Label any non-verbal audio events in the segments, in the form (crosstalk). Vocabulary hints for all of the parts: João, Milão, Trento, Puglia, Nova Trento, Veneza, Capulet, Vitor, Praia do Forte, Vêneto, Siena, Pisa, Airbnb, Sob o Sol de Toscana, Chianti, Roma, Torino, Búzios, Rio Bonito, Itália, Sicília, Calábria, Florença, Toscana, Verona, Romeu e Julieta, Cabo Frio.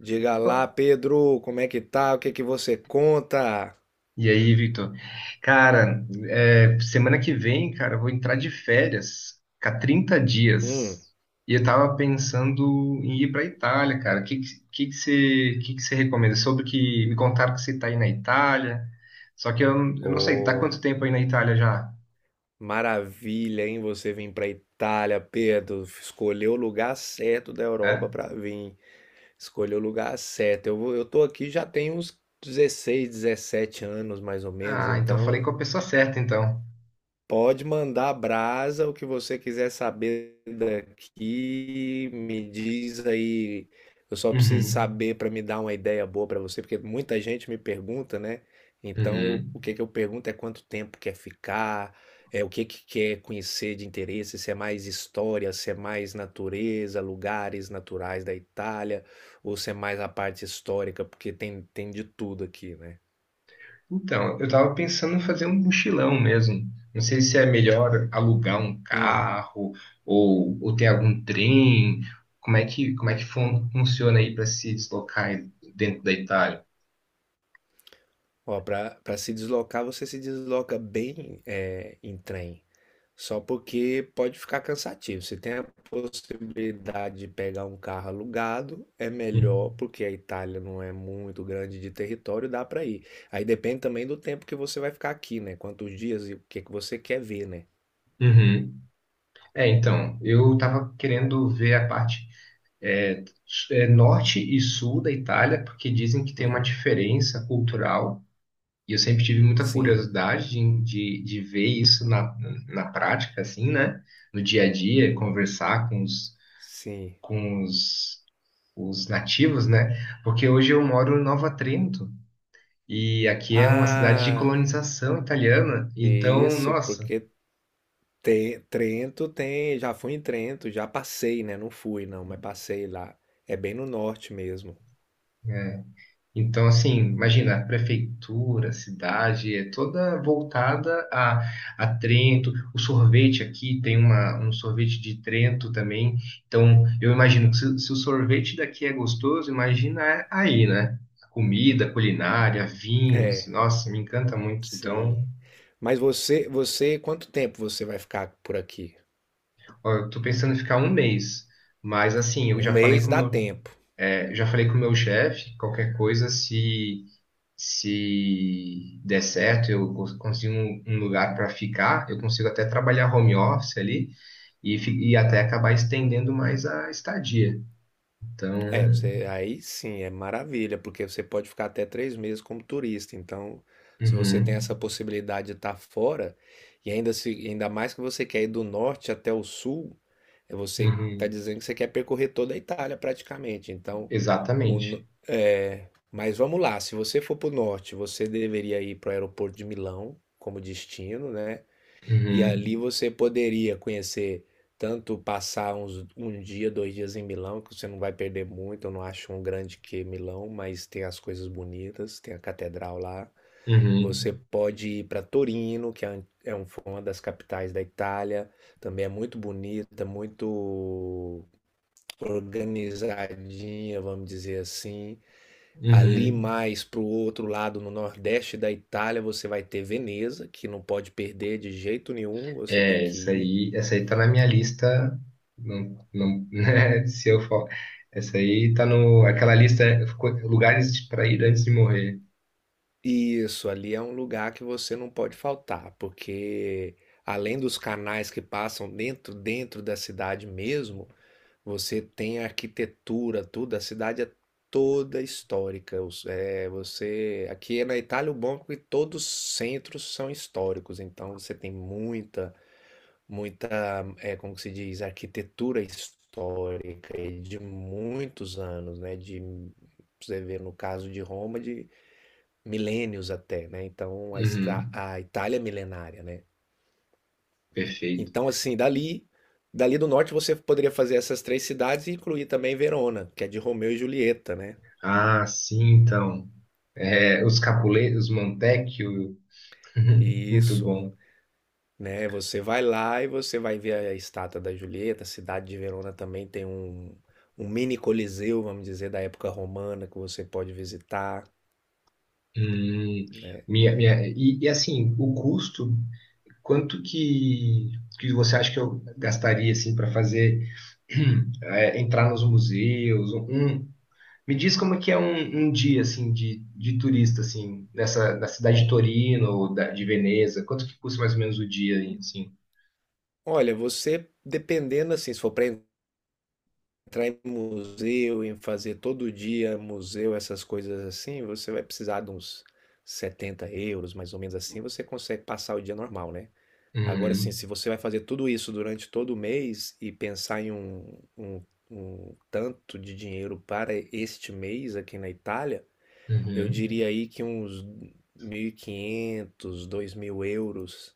Diga lá, Pô. Pedro, como é que tá? O que que você conta? E aí, Vitor? Cara, semana que vem, cara, eu vou entrar de férias, ficar 30 dias. Hum, E eu tava pensando em ir pra Itália, cara. O que que você recomenda? Sobre que me contaram que você tá aí na Itália. Só que eu não sei, tá ô, quanto tempo aí na Itália já? maravilha, hein? Você vir pra Itália, Pedro. Escolheu o lugar certo da Europa É? pra vir. Escolheu o lugar certo. Eu tô aqui já tem uns 16, 17 anos, mais ou menos, Ah, então falei com então. a pessoa certa, então. Pode mandar brasa, o que você quiser saber daqui, me diz aí. Eu só preciso Uhum. saber para me dar uma ideia boa para você, porque muita gente me pergunta, né? Então, Uhum. o que que eu pergunto é quanto tempo quer ficar, é o que que quer conhecer de interesse, se é mais história, se é mais natureza, lugares naturais da Itália, ou se é mais a parte histórica, porque tem de tudo aqui, né? Então, eu tava pensando em fazer um mochilão mesmo. Não sei se é melhor alugar um Hum. carro ou ter algum trem. Como é que funciona aí para se deslocar dentro da Itália? Ó, para se deslocar, você se desloca bem em trem, só porque pode ficar cansativo. Se tem a possibilidade de pegar um carro alugado, é melhor, Hum. porque a Itália não é muito grande de território, dá para ir. Aí depende também do tempo que você vai ficar aqui, né? Quantos dias e o que que você quer ver, né? Uhum. É, então, eu tava querendo ver a parte norte e sul da Itália, porque dizem que tem uma Uhum. diferença cultural. E eu sempre tive muita Sim, curiosidade de ver isso na prática, assim, né? No dia a dia, conversar com sim. com os, os nativos, né? Porque hoje eu moro em Nova Trento, e aqui é uma cidade de Ah, colonização italiana. Então, isso, nossa. porque Trento tem, já fui em Trento, já passei, né? Não fui não, mas passei lá. É bem no norte mesmo. Então, assim, imagina, a prefeitura, a cidade, é toda voltada a Trento. O sorvete aqui tem um sorvete de Trento também. Então, eu imagino que se o sorvete daqui é gostoso, imagina é aí, né? Comida, culinária, vinhos. É, Nossa, me encanta muito. sim. Então, Mas você, quanto tempo você vai ficar por aqui? ó, eu tô pensando em ficar um mês. Mas, assim, eu Um já falei mês com o dá meu, tempo. é, já falei com o meu chefe, qualquer coisa, se der certo, eu consigo um lugar para ficar, eu consigo até trabalhar home office ali e até acabar estendendo mais a estadia. É, Então, você, aí sim, é maravilha, porque você pode ficar até 3 meses como turista. Então, se uhum, você tem essa possibilidade de estar fora, e ainda se, ainda mais que você quer ir do norte até o sul, você está uhum, dizendo que você quer percorrer toda a Itália praticamente. Então, O no- exatamente. é, mas vamos lá, se você for para o norte, você deveria ir para o aeroporto de Milão como destino, né? E Uhum, ali você poderia conhecer, tanto passar um dia, 2 dias em Milão, que você não vai perder muito. Eu não acho um grande que Milão, mas tem as coisas bonitas, tem a catedral lá. uhum, Você pode ir para Torino, que foi uma das capitais da Itália. Também é muito bonita, muito organizadinha, vamos dizer assim. Ali uhum. mais para o outro lado, no nordeste da Itália, você vai ter Veneza, que não pode perder de jeito nenhum, você tem É, que ir. Essa aí tá na minha lista. Não, não, (laughs) né, se eu for, essa aí tá no, aquela lista, lugares para ir antes de morrer. E isso, ali é um lugar que você não pode faltar, porque além dos canais que passam dentro da cidade mesmo, você tem a arquitetura, tudo, a cidade é toda histórica. É, você aqui é na Itália. O bom é que todos os centros são históricos, então você tem muita muita, como que se diz, arquitetura histórica e de muitos anos, né? De, você vê no caso de Roma, de milênios até, né? Então, a, Ista- Uhum, a Itália é milenária, né? perfeito. Então, assim, dali do norte você poderia fazer essas três cidades e incluir também Verona, que é de Romeu e Julieta, né? Ah, sim, então. É, os Capulet, os Montecchio, (laughs) E muito isso. bom. Né? Você vai lá e você vai ver a estátua da Julieta. A cidade de Verona também tem um mini coliseu, vamos dizer, da época romana que você pode visitar, Hum, né? Assim, o custo, quanto que você acha que eu gastaria assim para fazer (clears throat) entrar nos museus? Me diz como é que é um dia assim de turista assim nessa da cidade de Torino ou da, de Veneza? Quanto que custa mais ou menos o dia assim? Olha, você dependendo assim, se for para entrar em museu, em fazer todo dia museu, essas coisas assim, você vai precisar de uns 70 euros, mais ou menos assim, você consegue passar o dia normal, né? Agora, assim, Uhum, se você vai fazer tudo isso durante todo o mês e pensar em um tanto de dinheiro para este mês aqui na Itália, eu uhum. diria aí que uns 1.500 2.000 euros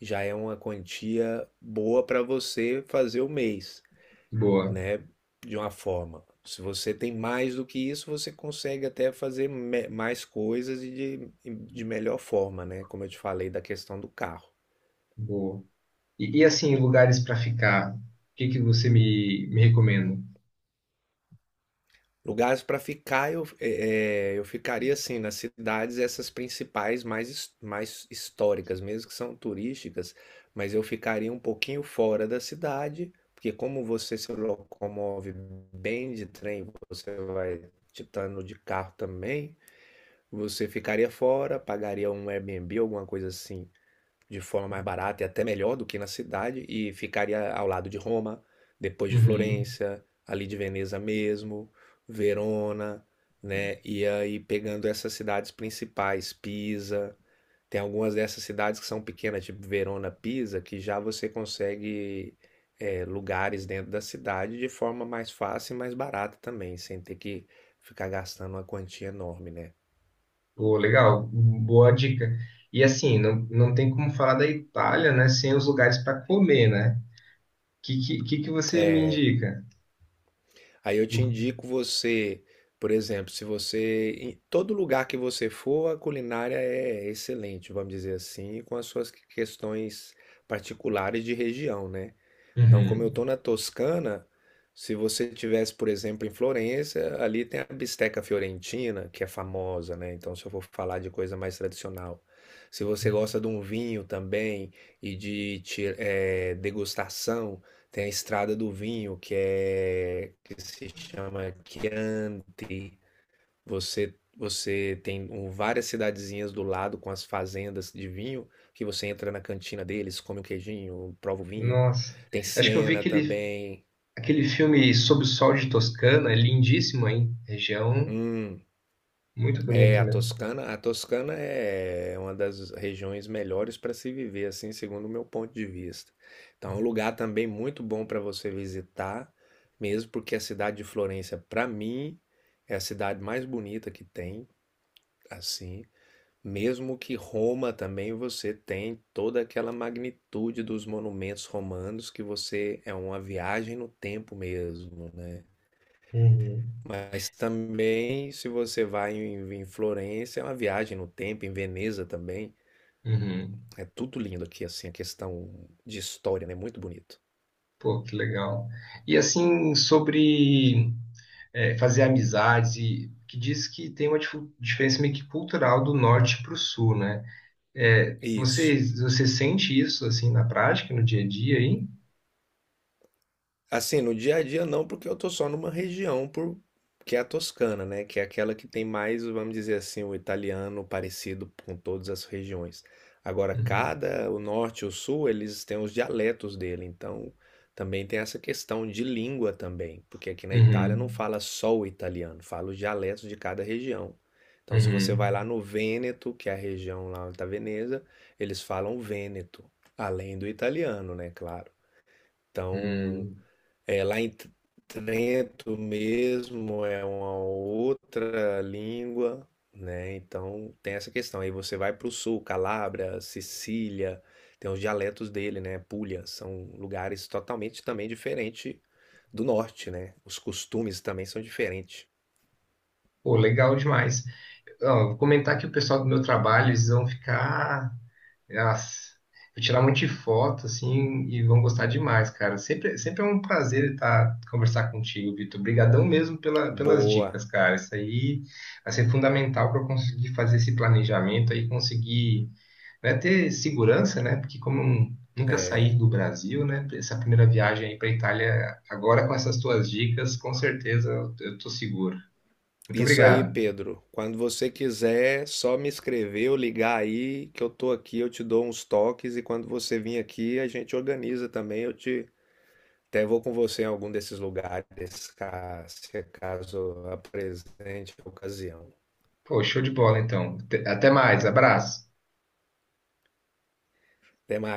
já é uma quantia boa para você fazer o mês, Boa, né? De uma forma. Se você tem mais do que isso, você consegue até fazer mais coisas e de melhor forma, né? Como eu te falei da questão do carro. boa. E, assim, lugares para ficar, o que que você me recomenda? Lugares para ficar, eu ficaria assim, nas cidades, essas principais, mais históricas, mesmo que são turísticas, mas eu ficaria um pouquinho fora da cidade, porque como você se locomove bem de trem, você vai titando de carro também, você ficaria fora, pagaria um Airbnb, alguma coisa assim, de forma mais barata e até melhor do que na cidade, e ficaria ao lado de Roma, depois de Uhum. Florença, ali de Veneza mesmo, Verona, né? E aí pegando essas cidades principais, Pisa, tem algumas dessas cidades que são pequenas, tipo Verona, Pisa, que já você consegue lugares dentro da cidade de forma mais fácil e mais barata também, sem ter que ficar gastando uma quantia enorme, né? Pô, legal, boa dica. E assim, não tem como falar da Itália, né, sem os lugares para comer, né? O que você me É, indica? Aí eu te indico você, por exemplo, se você, em todo lugar que você for, a culinária é excelente, vamos dizer assim, com as suas questões particulares de região, né? Então, como eu Uhum. estou na Toscana, se você tivesse, por exemplo, em Florença, ali tem a bisteca fiorentina, que é famosa, né? Então, se eu for falar de coisa mais tradicional. Se você gosta de um vinho também e de degustação, tem a Estrada do Vinho, que é que se chama Chianti. Você tem várias cidadezinhas do lado com as fazendas de vinho, que você entra na cantina deles, come o queijinho, prova o vinho. Nossa, Tem acho que eu vi Siena aquele, também. aquele filme Sob o Sol de Toscana, é lindíssimo, hein? Região Hum, muito é bonita a mesmo. Toscana. A Toscana é uma das regiões melhores para se viver, assim, segundo o meu ponto de vista. Então, é um lugar também muito bom para você visitar, mesmo porque a cidade de Florença, para mim, é a cidade mais bonita que tem, assim. Mesmo que Roma também você tem toda aquela magnitude dos monumentos romanos que você é uma viagem no tempo mesmo, né? Uhum. Mas também se você vai em Florença, é uma viagem no tempo, em Veneza também. Uhum. É tudo lindo aqui, assim, a questão de história, né? Muito bonito. Pô, que legal. E assim, sobre fazer amizades e que diz que tem uma diferença meio que cultural do norte para o sul, né? É, você, Isso. você sente isso assim na prática, no dia a dia aí? Assim, no dia a dia não, porque eu tô só numa região por... que é a Toscana, né? Que é aquela que tem mais, vamos dizer assim, o italiano parecido com todas as regiões. Agora, Uhum. O norte e o sul, eles têm os dialetos dele, então também tem essa questão de língua também, porque aqui na Itália não Uhum. fala só o italiano, fala os dialetos de cada região. Então, se você vai lá Uhum. no Vêneto, que é a região lá da Veneza, eles falam Vêneto, além do italiano, né? Claro. Então, Uhum. Lá em Trento mesmo é uma outra língua, né? Então tem essa questão. Aí você vai para o sul, Calábria, Sicília, tem os dialetos dele, né? Puglia, são lugares totalmente também diferentes do norte, né? Os costumes também são diferentes. Pô, legal demais. Ó, vou comentar que o pessoal do meu trabalho, eles vão ficar. Nossa, vou tirar um monte de foto, assim, e vão gostar demais, cara. Sempre, sempre é um prazer estar conversar contigo, Vitor. Obrigadão mesmo pelas Boa. dicas, cara. Isso aí vai ser fundamental para eu conseguir fazer esse planejamento aí, conseguir, né, ter segurança, né? Porque como eu nunca saí do Brasil, né? Essa primeira viagem aí para Itália, agora com essas tuas dicas, com certeza eu tô seguro. Muito Isso aí, obrigado. Pedro. Quando você quiser, só me escrever ou ligar aí que eu tô aqui, eu te dou uns toques e quando você vir aqui, a gente organiza também, eu te até vou com você em algum desses lugares, se caso apresente a ocasião. Pô, show de bola, então. Até mais, abraço. Até mais.